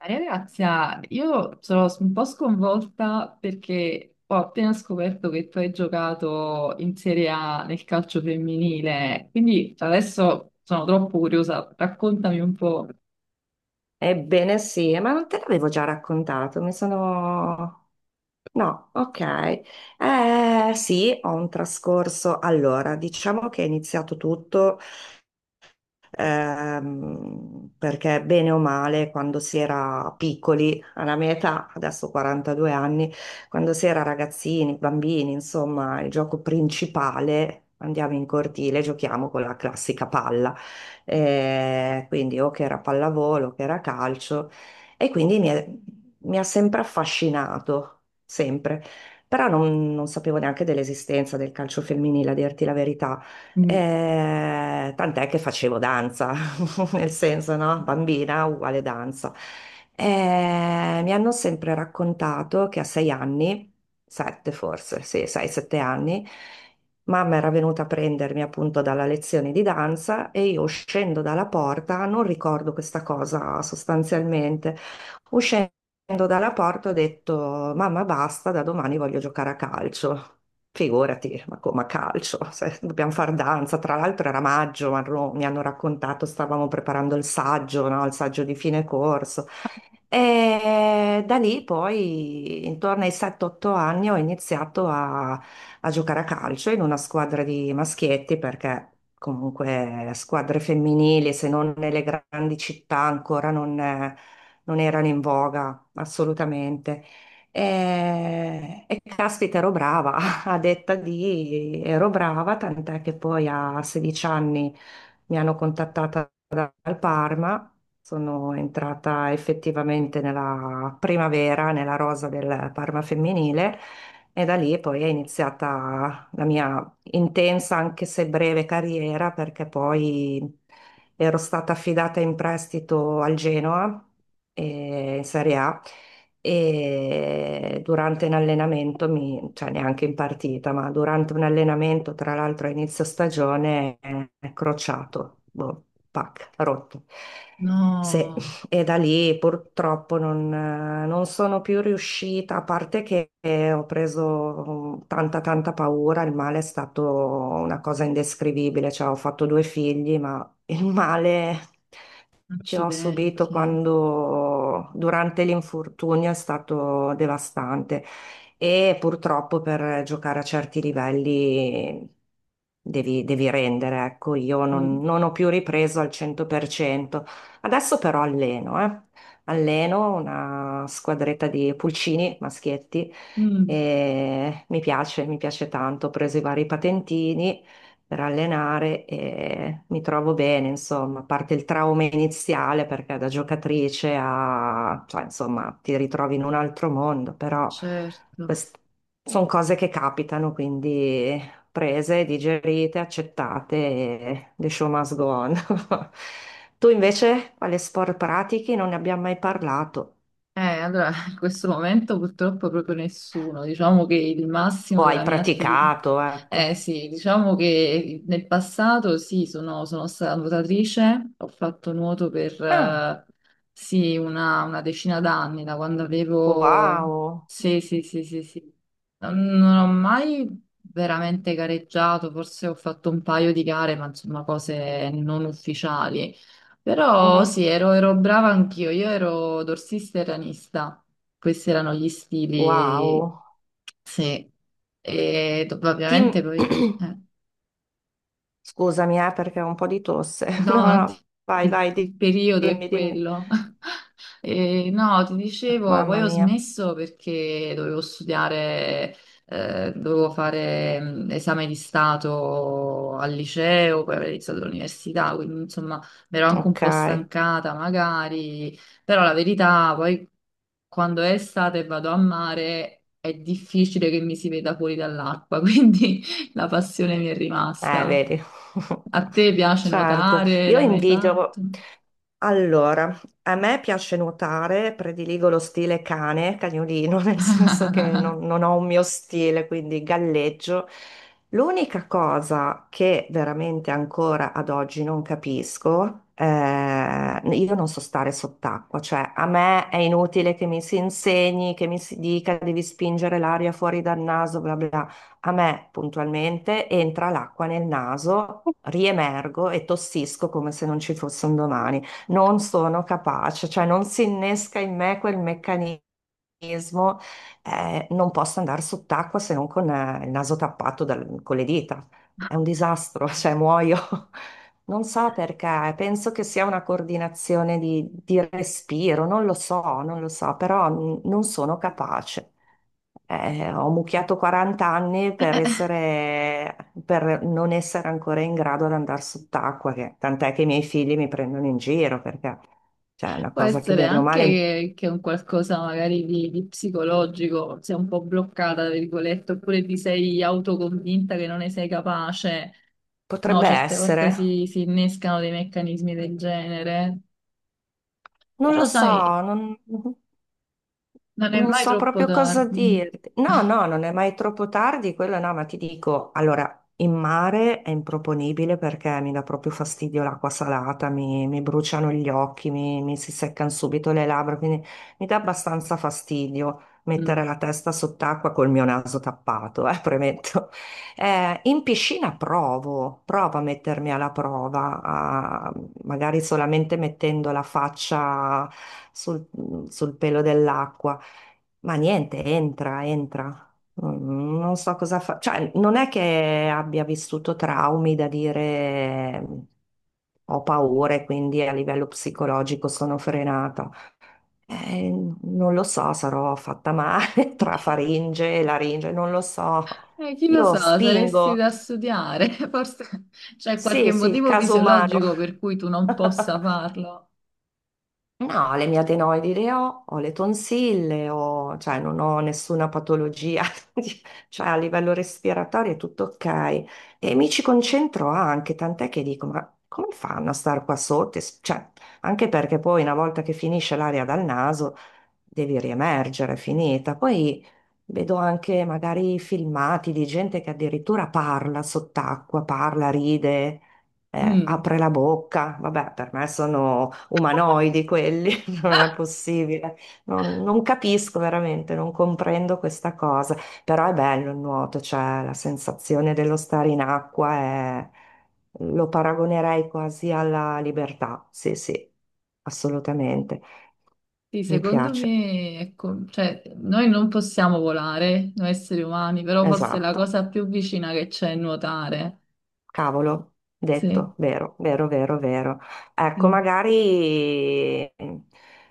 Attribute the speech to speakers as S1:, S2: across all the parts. S1: Maria Grazia, io sono un po' sconvolta perché ho appena scoperto che tu hai giocato in Serie A nel calcio femminile, quindi adesso sono troppo curiosa, raccontami un po'.
S2: Ebbene sì, ma non te l'avevo già raccontato? No, ok. Eh sì, ho un trascorso. Allora, diciamo che è iniziato tutto perché bene o male, quando si era piccoli, alla mia età, adesso ho 42 anni, quando si era ragazzini, bambini, insomma, il gioco principale. Andiamo in cortile, giochiamo con la classica palla, eh, quindi o che era pallavolo, o che era calcio, e mi ha sempre affascinato, sempre. Però non sapevo neanche dell'esistenza del calcio femminile, a dirti la verità.
S1: Mm.
S2: Tant'è che facevo danza, nel senso, no? Bambina uguale danza. Mi hanno sempre raccontato che a 6 anni, sette forse, sì, 6, 7 anni, mamma era venuta a prendermi appunto dalla lezione di danza e io uscendo dalla porta, non ricordo questa cosa sostanzialmente, uscendo dalla porta ho detto, mamma, basta, da domani voglio giocare a calcio. Figurati, ma come a calcio? Se dobbiamo far danza. Tra l'altro era maggio, ma mi hanno raccontato, stavamo preparando il saggio, no? Il saggio di fine corso. E da lì poi, intorno ai 7-8 anni, ho iniziato a giocare a calcio in una squadra di maschietti, perché comunque squadre femminili, se non nelle grandi città, ancora non, non erano in voga, assolutamente. E caspita, ero brava, a detta di ero brava, tant'è che poi a 16 anni mi hanno contattata dal Parma. Sono entrata effettivamente nella primavera, nella rosa del Parma femminile e da lì poi è iniziata la mia intensa, anche se breve, carriera perché poi ero stata affidata in prestito al Genoa, in Serie A e durante un allenamento, cioè neanche in partita, ma durante un allenamento, tra l'altro a inizio stagione, è crociato, boh, pac, rotto. Sì,
S1: No,
S2: e da lì purtroppo non sono più riuscita, a parte che ho preso tanta tanta paura, il male è stato una cosa indescrivibile, cioè ho fatto 2 figli, ma il male che ho subito
S1: accidenti.
S2: quando durante l'infortunio è stato devastante e purtroppo per giocare a certi livelli devi rendere, ecco, io
S1: Mm.
S2: non ho più ripreso al 100%. Adesso però alleno, eh. Alleno una squadretta di pulcini, maschietti,
S1: Mm.
S2: e mi piace tanto, ho preso i vari patentini per allenare e mi trovo bene, insomma, a parte il trauma iniziale perché da giocatrice a, cioè, insomma, ti ritrovi in un altro mondo, però
S1: Certo.
S2: sono cose che capitano, quindi prese, digerite, accettate e the show must go on. Tu invece, quale sport pratichi? Non ne abbiamo mai parlato.
S1: In questo momento purtroppo proprio nessuno. Diciamo che il
S2: O
S1: massimo
S2: hai
S1: della mia attività.
S2: praticato, ecco.
S1: Eh sì, diciamo che nel passato sì, sono stata nuotatrice, ho fatto nuoto per
S2: Ah,
S1: sì, una decina d'anni, da quando avevo...
S2: wow.
S1: Sì, sì, sì, sì, sì. Non ho mai veramente gareggiato, forse ho fatto un paio di gare, ma insomma cose non ufficiali. Però
S2: Mhm.
S1: sì, ero brava anch'io, io ero dorsista e ranista, questi erano gli stili,
S2: Wow.
S1: sì, e
S2: Team
S1: ovviamente poi... eh.
S2: scusami, perché ho un po' di tosse. No,
S1: No, non ti-
S2: no, vai, vai,
S1: il periodo è
S2: dimmi, dimmi.
S1: quello. E no, ti dicevo, poi
S2: Mamma
S1: ho
S2: mia.
S1: smesso perché dovevo studiare, dovevo fare esame di stato al liceo, poi avrei iniziato l'università, quindi insomma mi ero anche un
S2: Ok.
S1: po' stancata magari, però la verità, poi quando è estate e vado a mare è difficile che mi si veda fuori dall'acqua, quindi la passione mi è rimasta.
S2: Vedi.
S1: A te piace
S2: Certo.
S1: nuotare?
S2: Io
S1: L'hai mai
S2: invidio.
S1: fatto?
S2: Allora, a me piace nuotare, prediligo lo stile cane, cagnolino, nel senso che non ho un mio stile, quindi galleggio. L'unica cosa che veramente ancora ad oggi non capisco, io non so stare sott'acqua, cioè a me è inutile che mi si insegni, che mi si dica devi spingere l'aria fuori dal naso, bla bla. Bla. A me puntualmente entra l'acqua nel naso, riemergo e tossisco come se non ci fosse un domani. Non sono capace, cioè non si innesca in me quel meccanismo, organismo, non possa andare sott'acqua se non con il naso tappato con le dita. È un disastro, cioè muoio. Non so perché, penso che sia una coordinazione di respiro, non lo so, non lo so, però non sono capace. Ho mucchiato 40 anni per essere, per non essere ancora in grado ad andare sott'acqua, tant'è che i miei figli mi prendono in giro perché cioè, è una
S1: Può
S2: cosa che
S1: essere
S2: bene o
S1: anche
S2: male
S1: che un qualcosa magari di psicologico, sei un po' bloccata, tra virgolette, oppure ti sei autoconvinta che non ne sei capace. No,
S2: potrebbe
S1: certe volte
S2: essere.
S1: si innescano dei meccanismi del genere,
S2: Non lo
S1: però
S2: so,
S1: sai,
S2: non,
S1: non è
S2: non
S1: mai
S2: so
S1: troppo
S2: proprio cosa
S1: tardi.
S2: dirti. No, no, non è mai troppo tardi, quello no, ma ti dico, allora, in mare è improponibile perché mi dà proprio fastidio l'acqua salata, mi bruciano gli occhi, mi si seccano subito le labbra, quindi mi dà abbastanza fastidio
S1: Mm.
S2: mettere la testa sott'acqua col mio naso tappato, premetto. In piscina provo, provo a mettermi alla prova, magari solamente mettendo la faccia sul, sul pelo dell'acqua, ma niente, entra, entra. Mm, non so cosa fa, cioè non è che abbia vissuto traumi da dire ho paura e quindi a livello psicologico sono frenata. Eh, non lo so, sarò fatta male tra faringe e laringe, non lo so.
S1: Chi lo
S2: Io
S1: sa, saresti
S2: spingo.
S1: da studiare, forse c'è qualche
S2: Sì, sì, il
S1: motivo
S2: caso umano.
S1: fisiologico per cui tu non possa farlo.
S2: No, le mie adenoidi le ho, ho le tonsille, ho, cioè non ho nessuna patologia, di- cioè a livello respiratorio è tutto ok. E mi ci concentro anche, tant'è che dico, ma come fanno a star qua sotto? Cioè, anche perché poi una volta che finisce l'aria dal naso devi riemergere, è finita. Poi vedo anche magari filmati di gente che addirittura parla sott'acqua, parla, ride,
S1: Mm.
S2: apre la bocca. Vabbè, per me sono umanoidi quelli, non è possibile. Non capisco veramente, non comprendo questa cosa, però è bello il nuoto, cioè la sensazione dello stare in acqua lo paragonerei quasi alla libertà, sì, sì, assolutamente,
S1: Sì,
S2: mi
S1: secondo
S2: piace,
S1: me, ecco, cioè, noi non possiamo volare, noi esseri umani, però forse è la
S2: esatto.
S1: cosa più vicina che c'è è nuotare.
S2: Cavolo,
S1: Sì.
S2: detto, vero, vero, vero, vero. Ecco,
S1: Mm.
S2: magari,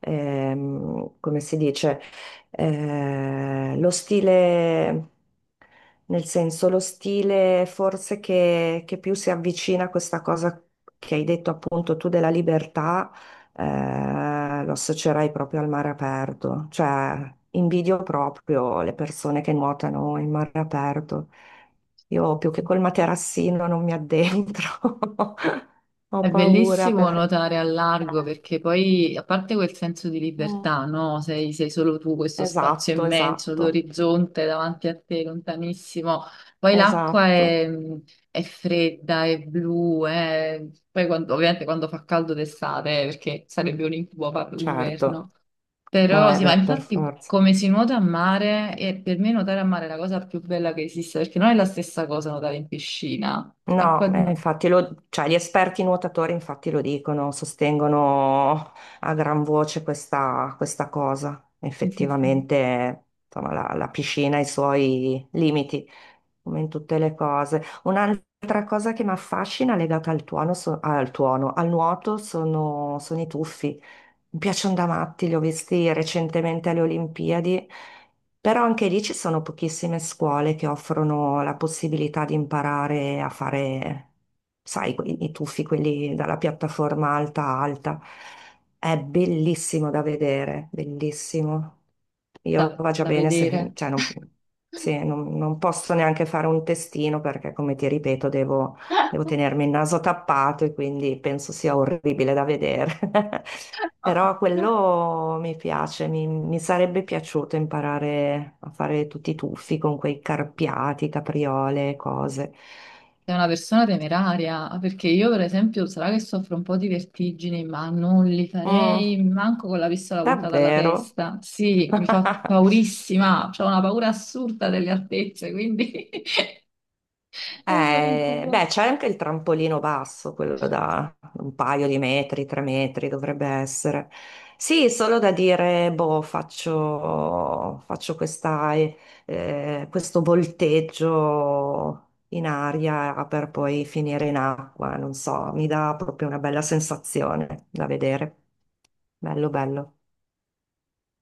S2: come si dice, lo stile, nel senso, lo stile forse che più si avvicina a questa cosa che hai detto appunto tu della libertà, lo associerei proprio al mare aperto, cioè invidio proprio le persone che nuotano in mare aperto. Io più che col materassino non mi addentro, ho
S1: È
S2: paura
S1: bellissimo
S2: perché...
S1: nuotare al largo perché poi, a parte quel senso di
S2: Mm,
S1: libertà, no? Sei solo tu, questo spazio
S2: esatto,
S1: immenso,
S2: esatto,
S1: l'orizzonte davanti a te, lontanissimo. Poi
S2: esatto,
S1: è fredda, è blu, poi ovviamente quando fa caldo d'estate, perché sarebbe un incubo farlo
S2: certo.
S1: d'inverno.
S2: No,
S1: Però
S2: eh
S1: sì, ma
S2: beh, per
S1: infatti
S2: forza.
S1: come si nuota a mare, e per me nuotare a mare è la cosa più bella che esista, perché non è la stessa cosa nuotare in piscina,
S2: No,
S1: acqua di mare.
S2: infatti lo, cioè, gli esperti nuotatori infatti lo dicono, sostengono a gran voce questa, questa cosa.
S1: Sì, sì, sì.
S2: Effettivamente, insomma, la piscina ha i suoi limiti, come in tutte le cose. Un'altra cosa che mi affascina legata al tuono, al nuoto sono, sono i tuffi. Mi piacciono da matti, li ho visti recentemente alle Olimpiadi, però anche lì ci sono pochissime scuole che offrono la possibilità di imparare a fare, sai, i tuffi, quelli dalla piattaforma alta a alta. È bellissimo da vedere, bellissimo. Io
S1: Da,
S2: va già
S1: da
S2: bene se,
S1: vedere.
S2: cioè, non, sì, non non posso neanche fare un testino perché, come ti ripeto, devo devo tenermi il naso tappato e quindi penso sia orribile da vedere. Però quello mi piace, mi sarebbe piaciuto imparare a fare tutti i tuffi con quei carpiati, capriole, cose.
S1: Sei una persona temeraria, ah, perché io per esempio sarà che soffro un po' di vertigini, ma non li
S2: Mm,
S1: farei manco con la pistola puntata alla
S2: davvero?
S1: testa. Sì, mi fa paurissima, ho una paura assurda delle altezze, quindi è il mio
S2: Beh,
S1: incubo.
S2: c'è anche il trampolino basso, quello da un paio di metri, tre metri dovrebbe essere. Sì, solo da dire, boh, faccio, faccio questa, questo volteggio in aria per poi finire in acqua, non so, mi dà proprio una bella sensazione da vedere. Bello, bello.